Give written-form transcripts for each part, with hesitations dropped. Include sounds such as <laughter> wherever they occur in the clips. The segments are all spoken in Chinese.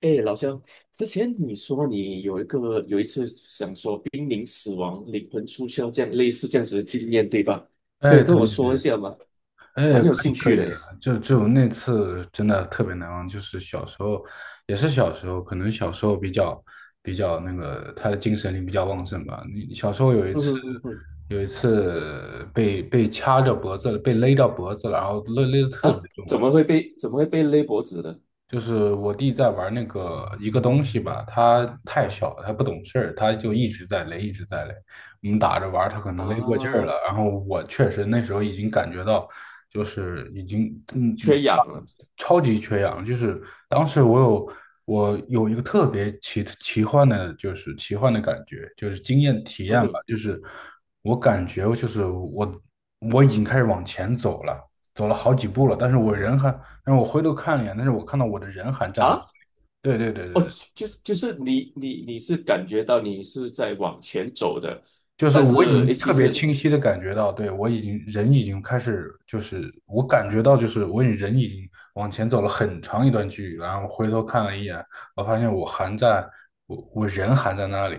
哎，老乡，之前你说你有一个有一次想说濒临死亡、灵魂出窍这样类似这样子的经验，对吧？可以哎，对跟我对说对。一下吗？蛮哎，可有以兴可趣以的。的。就那次真的特别难忘，就是小时候，也是小时候，可能小时候比较，他的精神力比较旺盛吧。你小时候有一嗯次，哼嗯哼，有一次被掐着脖子了，被勒到脖子了，然后勒得特别啊，重。怎么会被勒脖子呢？就是我弟在玩那个一个东西吧，他太小了，他不懂事儿，他就一直在勒，一直在勒。我们打着玩儿，他可能勒过劲儿啊，了。然后我确实那时候已经感觉到，就是已经缺氧了。超级缺氧，就是当时我有，我有一个特别奇幻的，就是奇幻的感觉，就是经验体嗯验吧。哼，就是我感觉就是我已经开始往前走了，走了好几步了，但是我人还，但是我回头看了一眼，但是我看到我的人还站在那里。啊，对对对对哦，对。就是你是感觉到你是在往前走的，就是但我已是诶，经特其别实清晰的感觉到，对，我已经人已经开始，就是我感觉到，就是我已经人已经往前走了很长一段距离了，然后回头看了一眼，我发现我还在，我人还在那里。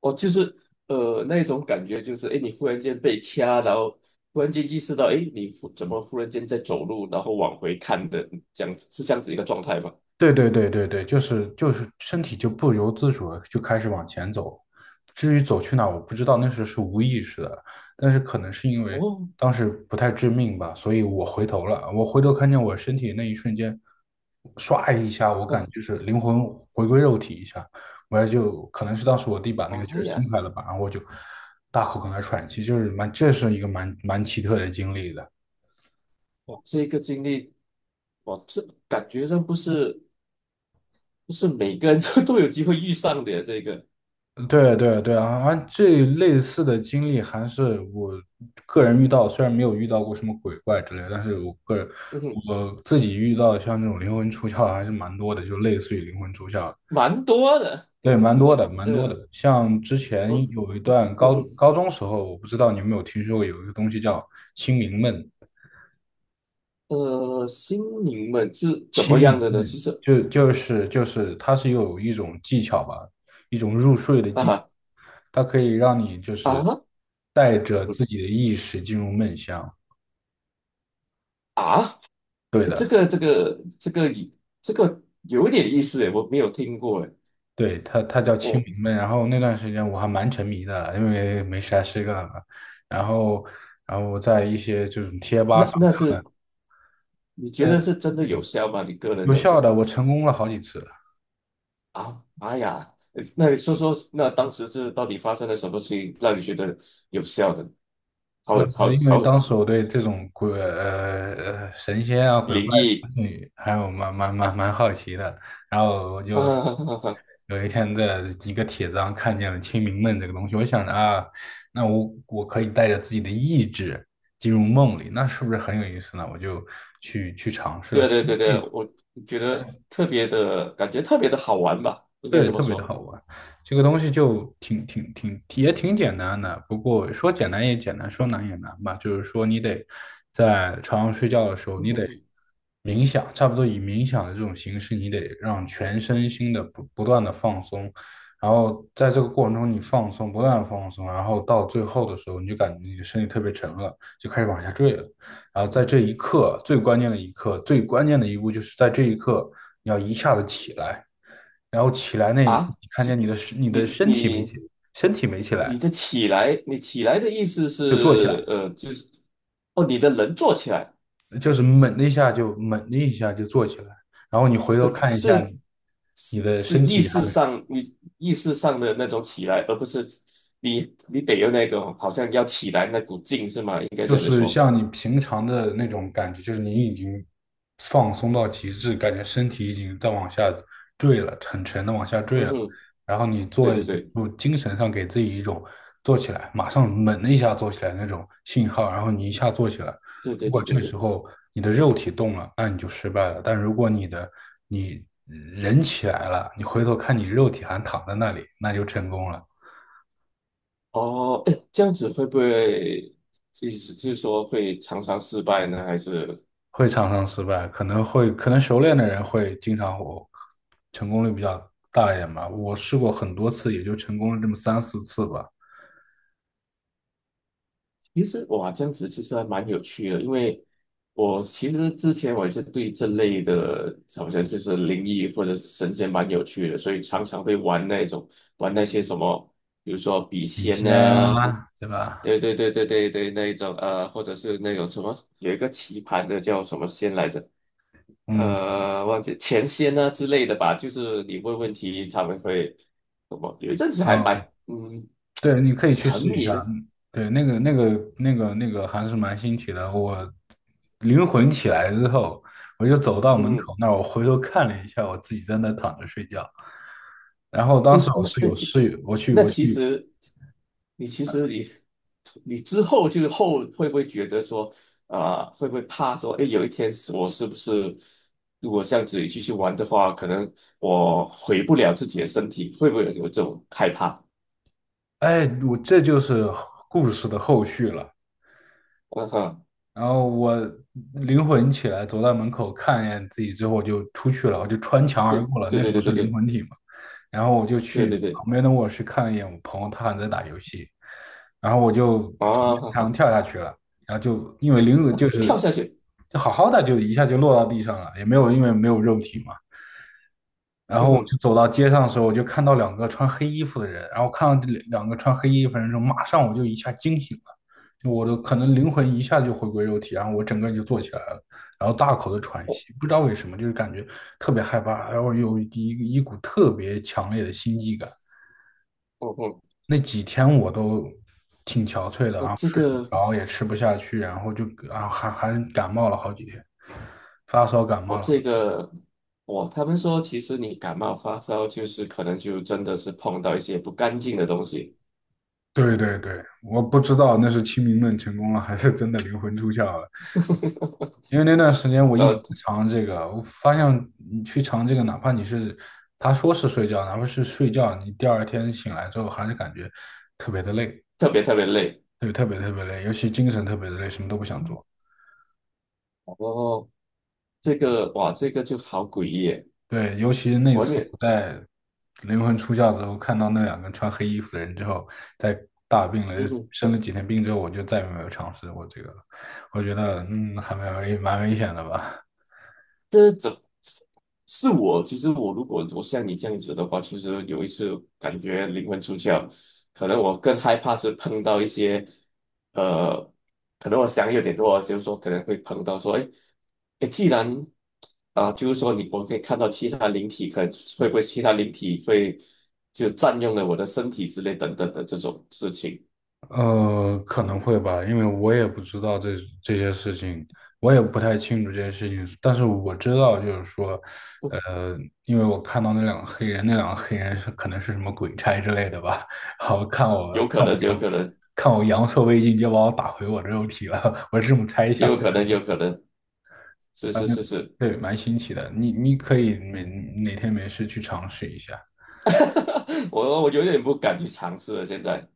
哦，就是那种感觉，就是哎，诶你忽然间被掐，然后忽然间意识到，哎，你怎么忽然间在走路，然后往回看的，这样子是这样子一个状态吗？对对对对对，就是就是身体就不由自主的就开始往前走，至于走去哪儿我不知道，那时候是无意识的。但是可能是因为哦，当时不太致命吧，所以我回头了，我回头看见我身体那一瞬间，唰一下，我感啊，觉就是灵魂回归肉体一下。我就可能是当时我弟把那个劲妈儿呀，松开了吧，然后我就大口跟那喘气。就是蛮，这是一个蛮奇特的经历的。哇，这个经历，哇，这感觉上不是每个人都 <laughs> 都有机会遇上的呀，这个，对对对啊。啊，这类似的经历还是我个人遇到，虽然没有遇到过什么鬼怪之类的，但是我个人，嗯哼，我自己遇到像这种灵魂出窍还是蛮多的，就类似于灵魂出窍。蛮多的，哎，对，蛮不多过的，蛮多呃，的。像之前我，有一段嗯哼，高中时候，我不知道你有没有听说过有一个东西叫清明梦。心灵们是怎清么样明的呢？梦就是就是它是有一种技巧吧，一种入睡的技巧，啊它可以让你就是啊，带嗯着哼自己的意识进入梦乡。啊。对这的。个这个这个这个有点意思诶，我没有听过诶。对，它叫清明我梦。然后那段时间我还蛮沉迷的，因为没啥事干嘛。然后我在一些这种贴吧上。那那是你觉呃，得是真的有效吗？你个人有来效说的，我成功了好几次。啊，哎呀，那你说说，那当时这到底发生了什么事情，让你觉得有效的？好好因为好当时我对这种神仙啊、鬼怪、灵东异西还有蛮好奇的，然后我啊！就 <laughs> 哈哈哈有一天在一个帖子上看见了清明梦这个东西。我想着啊，那我可以带着自己的意志进入梦里，那是不是很有意思呢？我就去尝试对了。啊对啊对啊对啊，我觉得特别的感觉特别的好玩吧，应该对，这么特别的说。好玩。这个东西就挺也挺简单的，不过说简单也简单，说难也难吧。就是说，你得在床上睡觉的时候，你得 <laughs> 冥想，差不多以冥想的这种形式，你得让全身心的不断的放松，然后在这个过程中你放松，不断的放松，然后到最后的时候，你就感觉你的身体特别沉了，就开始往下坠了。然后在这一刻，最关键的一刻，最关键的一步就是在这一刻，你要一下子起来。然后起来那一刻，啊，你看是见你的你你的身体没起，你身体没起来。你的起来，你起来的意思就坐起来，是，就是哦，你的人坐起来，就是猛的一下就坐起来，然后你回头呃，看一是下，你是的身体还没，意识上的那种起来，而不是你得有那种好像要起来那股劲是吗？应该就这么是说。像你平常的那种感觉，就是你已经放松到极致，感觉身体已经在往下坠了，很沉的往下坠嗯了。哼，然后你对做一，对对就精神上给自己一种做起来，马上猛的一下做起来那种信号，然后你一下做起来。对如对果对这对。时候你的肉体动了，那你就失败了。但如果你的，你人起来了，你回头看你肉体还躺在那里，那就成功了。哦，诶这样子会不会意思就是说会常常失败呢？还是？会常常失败，可能熟练的人会经常，成功率比较大一点吧。我试过很多次，也就成功了这么三四次吧。其实哇，这样子其实还蛮有趣的，因为我其实之前我也是对这类的，好像就是灵异或者是神仙蛮有趣的，所以常常会玩那种玩那些什么，比如说笔笔仙仙啊，啊，对吧？对对对对对对，那一种或者是那种什么有一个棋盘的叫什么仙来着，嗯忘记钱仙啊之类的吧，就是你问问题，他们会什么，有一阵子还蛮嗯，嗯对，你可以去沉试一迷下。的，嗯对，那个还是蛮新奇的。我灵魂起来之后，我就走到门口嗯。那儿，我回头看了一下，我自己在那躺着睡觉。然后当诶，时我是有室友，我去那我其去，实你其实你你之后就是后会不会觉得说啊、会不会怕说诶，有一天是我是不是如果这样子继续玩的话，可能我回不了自己的身体，会不会有这种害怕？哎，我这就是故事的后续了。嗯哼，然后我灵魂起来，走到门口看一眼自己之后，我就出去了，我就穿墙对而过了。对那时候对是对灵对魂体嘛，然后我就对去对对对旁边的卧室看了一眼我朋友，他还在打游戏，然后我就从啊，哈墙哈，跳下去了。然后就因为灵魂就是，跳下去，就好好的就一下就落到地上了，也没有，因为没有肉体嘛。然嗯后我就哼，走到街上的时候，我就看到两个穿黑衣服的人，然后看到这两个穿黑衣服的人之后，马上我就一下惊醒了。就我的可能灵魂一下就回归肉体，然后我整个人就坐起来了，然后大口的喘我、息，不知道为什么，就是感觉特别害怕，然后有一股特别强烈的心悸感。我嗯哼那几天我都挺憔悴的我啊，这睡不个着，也吃不下去，然后就啊还感冒了好几天，发烧感我冒了。这个，我他们说，其实你感冒发烧，就是可能就真的是碰到一些不干净的东西，对对对，我不知道那是清明梦成功了，还是真的灵魂出窍了。<laughs> 因为那段时间我一直呃，在尝这个，我发现你去尝这个，哪怕你是，他说是睡觉，哪怕是睡觉，你第二天醒来之后还是感觉特别的累。特别特别累。对，特别特别累，尤其精神特别的累，什么都不想做。然后这个，哇，这个就好诡异耶，对，尤其那我也次没，我在灵魂出窍之后，看到那两个穿黑衣服的人之后，在大病了，嗯哼生了几天病之后，我就再也没有尝试过这个了。我觉得，嗯，还蛮危险的吧。这怎是我？其实我如果我像你这样子的话，其实有一次感觉灵魂出窍，可能我更害怕是碰到一些，呃，可能我想有点多，就是说可能会碰到说，哎，哎，既然啊、就是说你我可以看到其他灵体，可会不会其他灵体会就占用了我的身体之类等等的这种事情，呃，可能会吧，因为我也不知道这这些事情，我也不太清楚这些事情。但是我知道，就是说，呃，因为我看到那两个黑人，那两个黑人是可能是什么鬼差之类的吧，<laughs> 然后有可能，有可能，看我阳寿未尽，就把我打回我的肉体了，<laughs> 我是这么猜想有的。可能，有可能，是反是正是是，对，蛮新奇的，你你可以每哪天没事去尝试一下。<laughs> 我有点不敢去尝试了，现在。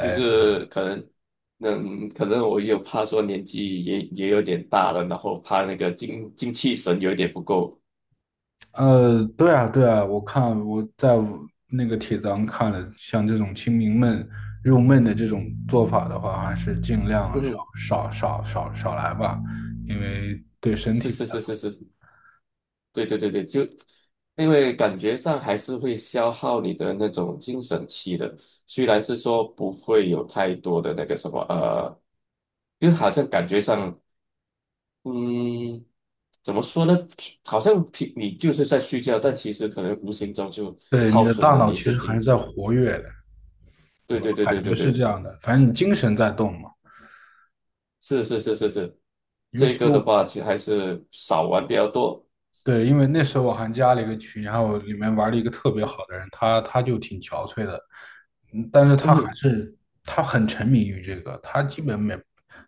就是可能，嗯，可能我又怕说年纪也有点大了，然后怕那个精气神有点不够。呃，对啊，对啊，我看我在那个帖子上看了，像这种清明闷入闷的这种做法的话，还是尽量嗯，少来吧，因为对身体是不太。是是是是，对对对对，就因为感觉上还是会消耗你的那种精神气的，虽然是说不会有太多的那个什么，就好像感觉上，嗯，怎么说呢？好像平你就是在睡觉，但其实可能无形中就对你耗的损大了脑你一其些实还精是在神。活跃的，对对对对感觉对是这对。样的，反正你精神在动嘛。是是是是是，尤这其个的话其实还是少玩比较多。对，因为那时候我还加了一个群，然后我里面玩了一个特别好的人，他就挺憔悴的。嗯，但是他还嗯，是，他很沉迷于这个，他基本每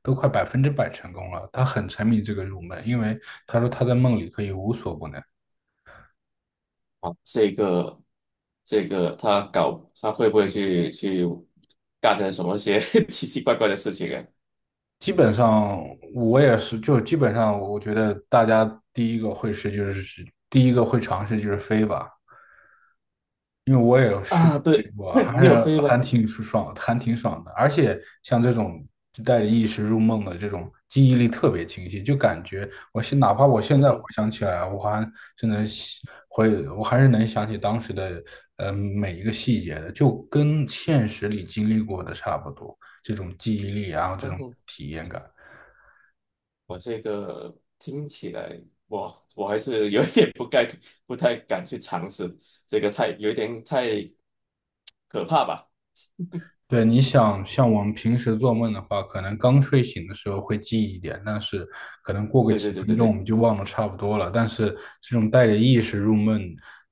都快百分之百成功了，他很沉迷这个入门，因为他说他在梦里可以无所不能。好，这个他搞他会不会去干点什么些 <laughs> 奇奇怪怪的事情啊？基本上我也是，就基本上我觉得大家第一个会就是第一个会尝试就是飞吧，因为我也有试啊，睡对，过，<laughs> 还你是有飞还吗？挺舒爽，还挺爽的。而且像这种就带着意识入梦的这种，记忆力特别清晰，就感觉哪怕我现嗯在回哼，想起来，我还真的会，我还是能想起当时的每一个细节的，就跟现实里经历过的差不多。这种记忆力啊，然后这嗯种哼，体验感。我这个听起来，我还是有一点不该不太敢去尝试，这个有一点太可怕吧？对，你想像我们平时做梦的话，可能刚睡醒的时候会记忆一点，但是可能过个对几对对分对钟我对，们就忘得差不多了。但是这种带着意识入梦，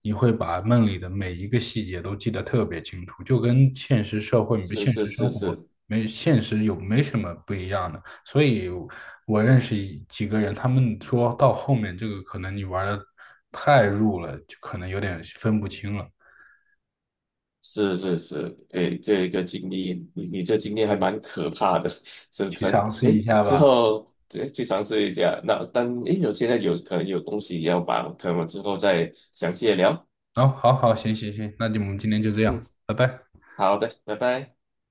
你会把梦里的每一个细节都记得特别清楚，就跟现实社会、是现实是是生活是，没现实有没什么不一样的。所以我认识几个人，他们说到后面这个可能你玩的太入了，就可能有点分不清了，是是是，诶，这一个经历，你这经历还蛮可怕的，<laughs> 是去可能尝试诶一下之吧。后诶去尝试一下。那但诶有现在有可能有东西要把，可能我之后再详细的聊。哦，好好，行，那就我们今天就这样，嗯，拜拜。好的，拜拜。